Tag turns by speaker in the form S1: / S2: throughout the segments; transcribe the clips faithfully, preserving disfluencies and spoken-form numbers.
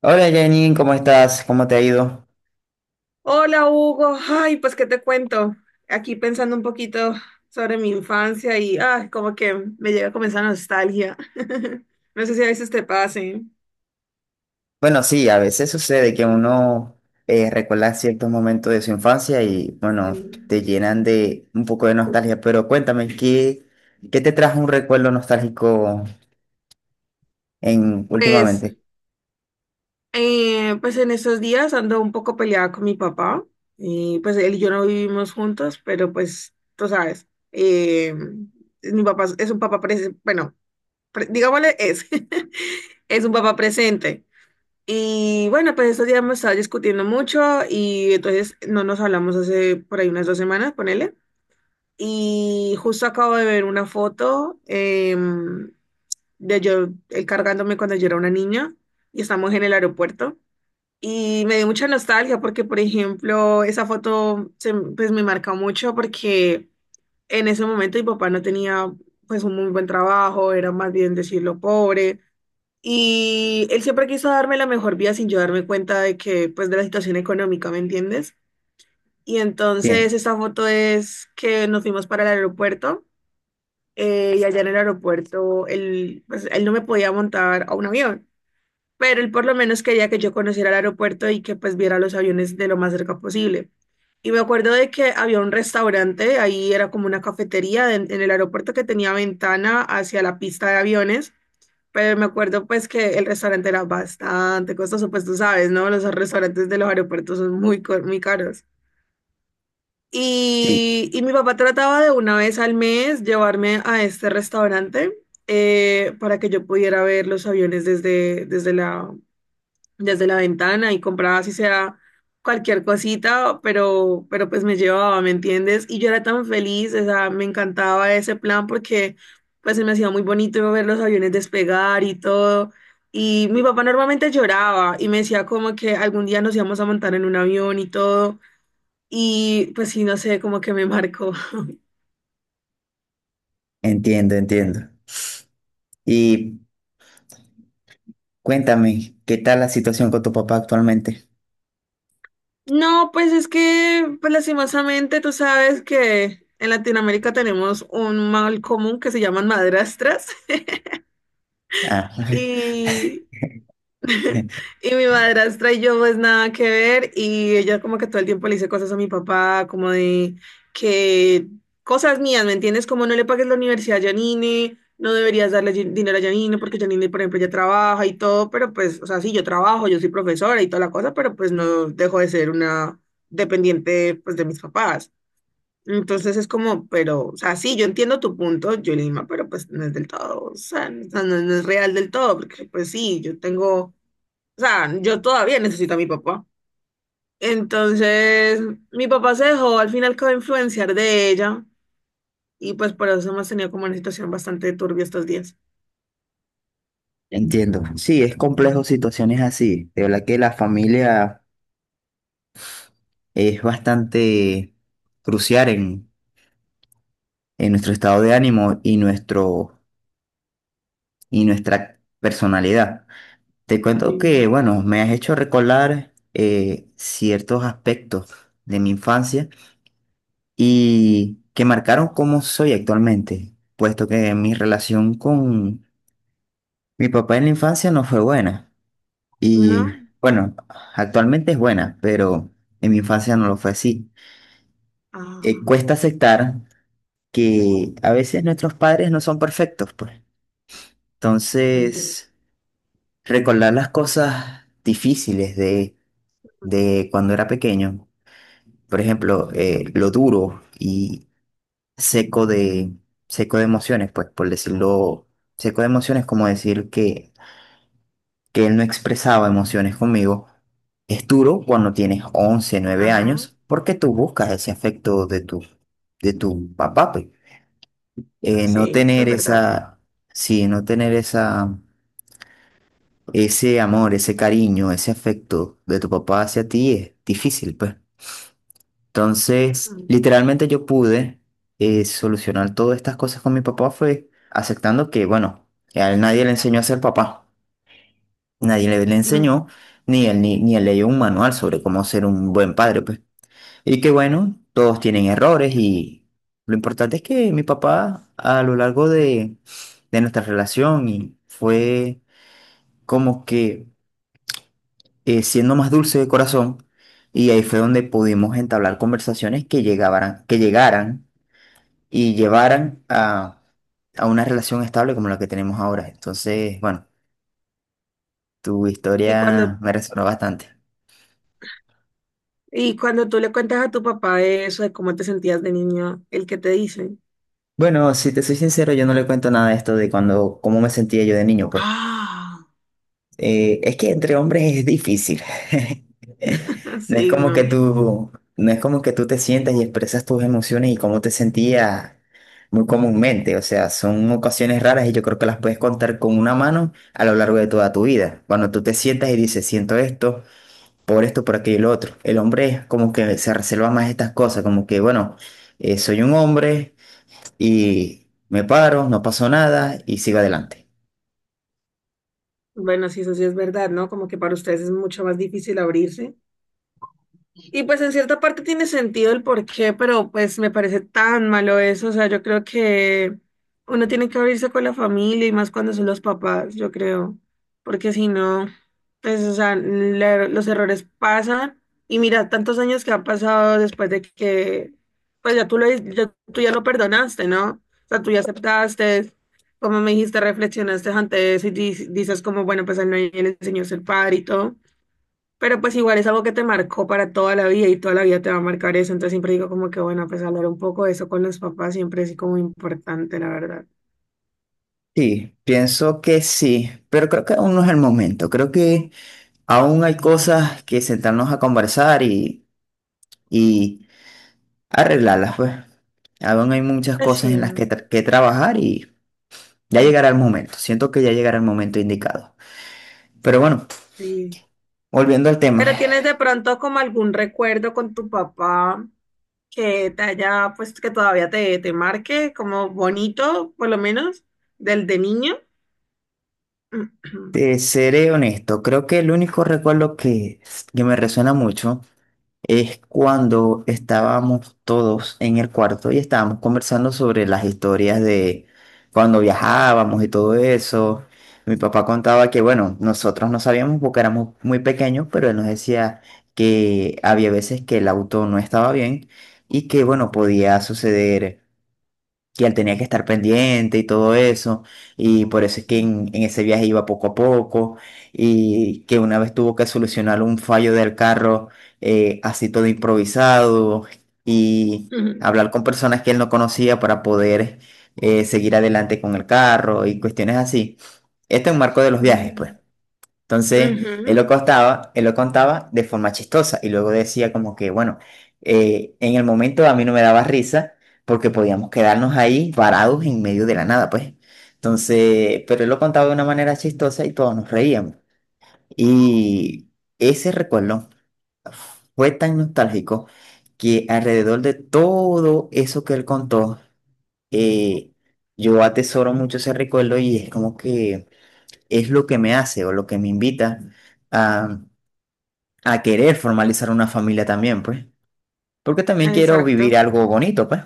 S1: Hola Janine, ¿cómo estás? ¿Cómo te ha ido?
S2: Hola Hugo, ay, pues qué te cuento. Aquí pensando un poquito sobre mi infancia y ay, como que me llega a comenzar nostalgia. No sé si a veces te pase.
S1: Bueno, sí, a veces sucede que uno eh, recuerda ciertos momentos de su infancia y bueno,
S2: Sí.
S1: te llenan de un poco de nostalgia, pero cuéntame, ¿qué, ¿qué te trajo un recuerdo nostálgico en,
S2: Pues,
S1: últimamente?
S2: eh, pues en estos días ando un poco peleada con mi papá. Y pues él y yo no vivimos juntos, pero pues tú sabes, eh, mi papá es es un papá presente, bueno, pre- digámosle es, es un papá presente. Y bueno, pues estos días hemos estado discutiendo mucho y entonces no nos hablamos hace por ahí unas dos semanas, ponele. Y justo acabo de ver una foto em, de yo él cargándome cuando yo era una niña y estamos en el aeropuerto. Y me dio mucha nostalgia porque, por ejemplo, esa foto se- pues me marca mucho porque en ese momento mi papá no tenía pues un muy buen trabajo, era más bien decirlo pobre. Y él siempre quiso darme la mejor vida sin yo darme cuenta de que, pues, de la situación económica, ¿me entiendes? Y entonces
S1: Bien,
S2: esta foto es que nos fuimos para el aeropuerto eh, y allá en el aeropuerto él, pues, él no me podía montar a un avión, pero él por lo menos quería que yo conociera el aeropuerto y que pues viera los aviones de lo más cerca posible. Y me acuerdo de que había un restaurante, ahí era como una cafetería en en el aeropuerto que tenía ventana hacia la pista de aviones. Pero me acuerdo pues que el restaurante era bastante costoso, pues tú sabes, ¿no? Los restaurantes de los aeropuertos son muy, co- muy caros.
S1: sí,
S2: Y, y mi papá trataba de una vez al mes llevarme a este restaurante eh, para que yo pudiera ver los aviones desde, desde la, desde la ventana y compraba si sea cualquier cosita, pero, pero pues me llevaba, ¿me entiendes? Y yo era tan feliz, o sea, me encantaba ese plan porque pues se me hacía muy bonito ver los aviones despegar y todo. Y mi papá normalmente lloraba y me decía como que algún día nos íbamos a montar en un avión y todo. Y pues sí, no sé, como que me marcó.
S1: entiendo, entiendo. Y cuéntame, ¿qué tal la situación con tu papá actualmente?
S2: No, pues es que, pues lastimosamente, tú sabes que en Latinoamérica tenemos un mal común que se llaman madrastras.
S1: Ah,
S2: Y, y mi madrastra y yo pues nada que ver y ella como que todo el tiempo le dice cosas a mi papá como de que cosas mías, ¿me entiendes? Como no le pagues la universidad a Janine, no deberías darle Jan- dinero a Janine porque Janine, por ejemplo, ya trabaja y todo, pero pues, o sea, sí, yo trabajo, yo soy profesora y toda la cosa, pero pues no dejo de ser una dependiente pues de mis papás. Entonces es como, pero, o sea, sí, yo entiendo tu punto, Yolima, pero pues no es del todo, o sea, no, no- no es real del todo, porque pues sí, yo tengo, o sea, yo todavía necesito a mi papá. Entonces, mi papá se dejó al final como influenciar de ella y pues por eso hemos tenido como una situación bastante turbia estos días.
S1: entiendo. Sí, es complejo situaciones así. De verdad que la familia es bastante crucial en, en nuestro estado de ánimo y, nuestro, y nuestra personalidad. Te cuento
S2: Sí.
S1: que, bueno, me has hecho recordar eh, ciertos aspectos de mi infancia y que marcaron cómo soy actualmente, puesto que mi relación con mi papá en la infancia no fue buena. Y
S2: ¿No?
S1: bueno, actualmente es buena, pero en mi infancia no lo fue así. Eh,
S2: Ah,
S1: cuesta aceptar que a veces nuestros padres no son perfectos, pues.
S2: no entiendo.
S1: Entonces, recordar las cosas difíciles de, de cuando era pequeño, por ejemplo, eh, lo duro y seco de, seco de emociones, pues, por decirlo, seco de emociones, como decir que, que él no expresaba emociones conmigo, es duro cuando tienes once nueve
S2: Ajá,
S1: años, porque tú buscas ese afecto de tu, de tu papá, pues. Eh, no
S2: sí, eso
S1: tener
S2: es verdad.
S1: esa, sí, no tener esa, ese amor, ese cariño, ese afecto de tu papá hacia ti es difícil, pues. Entonces,
S2: Mm,
S1: literalmente yo pude eh, solucionar todas estas cosas con mi papá fue aceptando que, bueno, a él nadie le enseñó a ser papá, nadie le, le
S2: mm.
S1: enseñó, ni él, ni, ni él leyó un manual sobre cómo ser un buen padre, pues. Y que bueno, todos tienen errores y lo importante es que mi papá a lo largo de, de nuestra relación y fue como que eh, siendo más dulce de corazón y ahí fue donde pudimos entablar conversaciones que llegaran, que llegaran y llevaran a, a una relación estable como la que tenemos ahora. Entonces, bueno, tu
S2: ¿Y cuando,
S1: historia me resonó bastante.
S2: y cuando tú le cuentas a tu papá eso de cómo te sentías de niño, ¿el que te dice?
S1: Bueno, si te soy sincero, yo no le cuento nada de esto de cuando, cómo me sentía yo de niño, pues.
S2: Ah,
S1: Eh, es que entre hombres es difícil. No es
S2: sí,
S1: como que
S2: no.
S1: tú, no es como que tú te sientas y expresas tus emociones y cómo te sentías muy comúnmente. O sea, son ocasiones raras y yo creo que las puedes contar con una mano a lo largo de toda tu vida. Cuando tú te sientas y dices, siento esto, por esto, por aquello y lo otro. El hombre es como que se reserva más estas cosas, como que, bueno, eh, soy un hombre y me paro, no pasó nada y sigo adelante.
S2: Bueno, sí, eso sí es verdad, ¿no? Como que para ustedes es mucho más difícil abrirse. Y pues en cierta parte tiene sentido el porqué, pero pues me parece tan malo eso. O sea, yo creo que uno tiene que abrirse con la familia y más cuando son los papás, yo creo. Porque si no, pues, o sea, la- los errores pasan. Y mira, tantos años que han pasado después de que, pues ya tú lo, ya, tú ya lo perdonaste, ¿no? O sea, tú ya aceptaste, como me dijiste, reflexionaste ante eso y di- dices como, bueno, pues al no le enseñó a ser padre y todo. Pero pues igual es algo que te marcó para toda la vida y toda la vida te va a marcar eso. Entonces siempre digo como que bueno, pues hablar un poco de eso con los papás siempre es como importante, la verdad.
S1: Sí, pienso que sí, pero creo que aún no es el momento. Creo que aún hay cosas que sentarnos a conversar y, y arreglarlas, pues. Aún hay muchas
S2: Pues
S1: cosas en
S2: sí,
S1: las que,
S2: mm,
S1: tra- que trabajar y ya llegará el momento. Siento que ya llegará el momento indicado. Pero bueno,
S2: sí.
S1: volviendo al tema,
S2: ¿Pero tienes de pronto como algún recuerdo con tu papá que te haya, pues que todavía te, te marque como bonito, por lo menos, del de niño?
S1: te seré honesto. Creo que el único recuerdo que, que me resuena mucho. Es cuando estábamos todos en el cuarto y estábamos conversando sobre las historias de cuando viajábamos y todo eso. Mi papá contaba que, bueno, nosotros no sabíamos porque éramos muy pequeños, pero él nos decía que había veces que el auto no estaba bien y que, bueno, podía suceder. Y él tenía que estar pendiente y todo eso. Y por eso es que en, en ese viaje iba poco a poco. Y que una vez tuvo que solucionar un fallo del carro, eh, así todo improvisado. Y
S2: Ujú.
S1: hablar con personas que él no conocía para poder, eh, seguir adelante con el carro y cuestiones así. Este es un marco de los viajes, pues. Entonces, él
S2: Ujú.
S1: lo contaba, él lo contaba de forma chistosa y luego decía como que, bueno, eh, en el momento a mí no me daba risa porque podíamos quedarnos ahí varados en medio de la nada, pues. Entonces, pero él lo contaba de una manera chistosa y todos nos reíamos. Y ese recuerdo fue tan nostálgico que alrededor de todo eso que él contó, eh, yo atesoro mucho ese recuerdo y es como que es lo que me hace o lo que me invita a a querer formalizar una familia también, pues. Porque también quiero vivir
S2: Exacto.
S1: algo bonito, pues.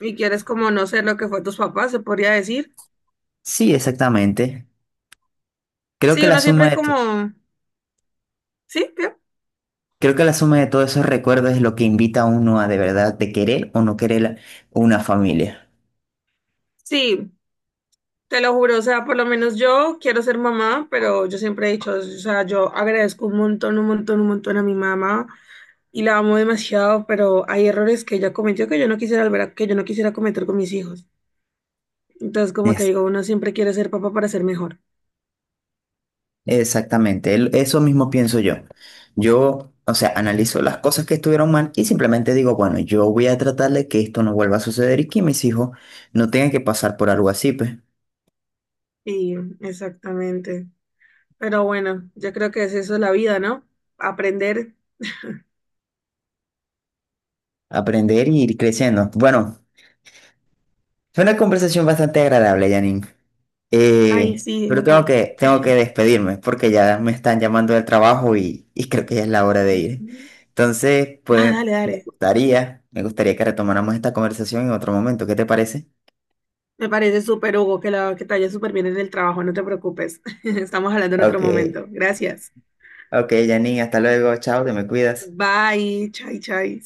S2: Y quieres como no ser lo que fue tus papás, se podría decir.
S1: Sí, exactamente. Creo que
S2: Sí,
S1: la
S2: uno
S1: suma
S2: siempre
S1: de to-
S2: como… Sí, ¿qué?
S1: creo que la suma de todos esos recuerdos es lo que invita a uno a de verdad de querer o no querer la- una familia.
S2: Sí, te lo juro, o sea, por lo menos yo quiero ser mamá, pero yo siempre he dicho, o sea, yo agradezco un montón, un montón, un montón a mi mamá y la amo demasiado, pero hay errores que ella cometió que yo no quisiera volver a- que yo no quisiera cometer con mis hijos. Entonces, como que
S1: Es,
S2: digo, uno siempre quiere ser papá para ser mejor.
S1: exactamente, el- eso mismo pienso yo. Yo, o sea, analizo las cosas que estuvieron mal y simplemente digo, bueno, yo voy a tratar de que esto no vuelva a suceder y que mis hijos no tengan que pasar por algo así, pues.
S2: Sí, exactamente. Pero bueno, yo creo que es eso la vida, ¿no? Aprender.
S1: Aprender y ir creciendo. Bueno, fue una conversación bastante agradable, Janine.
S2: Ay,
S1: Eh,
S2: sí,
S1: pero tengo
S2: Hugo.
S1: que, tengo que despedirme porque ya me están llamando del trabajo y, y creo que ya es la hora de ir. Entonces,
S2: Nada,
S1: puede,
S2: dale,
S1: me
S2: dale.
S1: gustaría, me gustaría que retomáramos esta conversación en otro momento. ¿Qué te parece?
S2: Me parece súper, Hugo, que, la, que te vaya súper bien en el trabajo, no te preocupes. Estamos hablando en otro
S1: Ok,
S2: momento. Gracias.
S1: ok, Janine, hasta luego, chao, te me cuidas.
S2: Bye, chai, chai.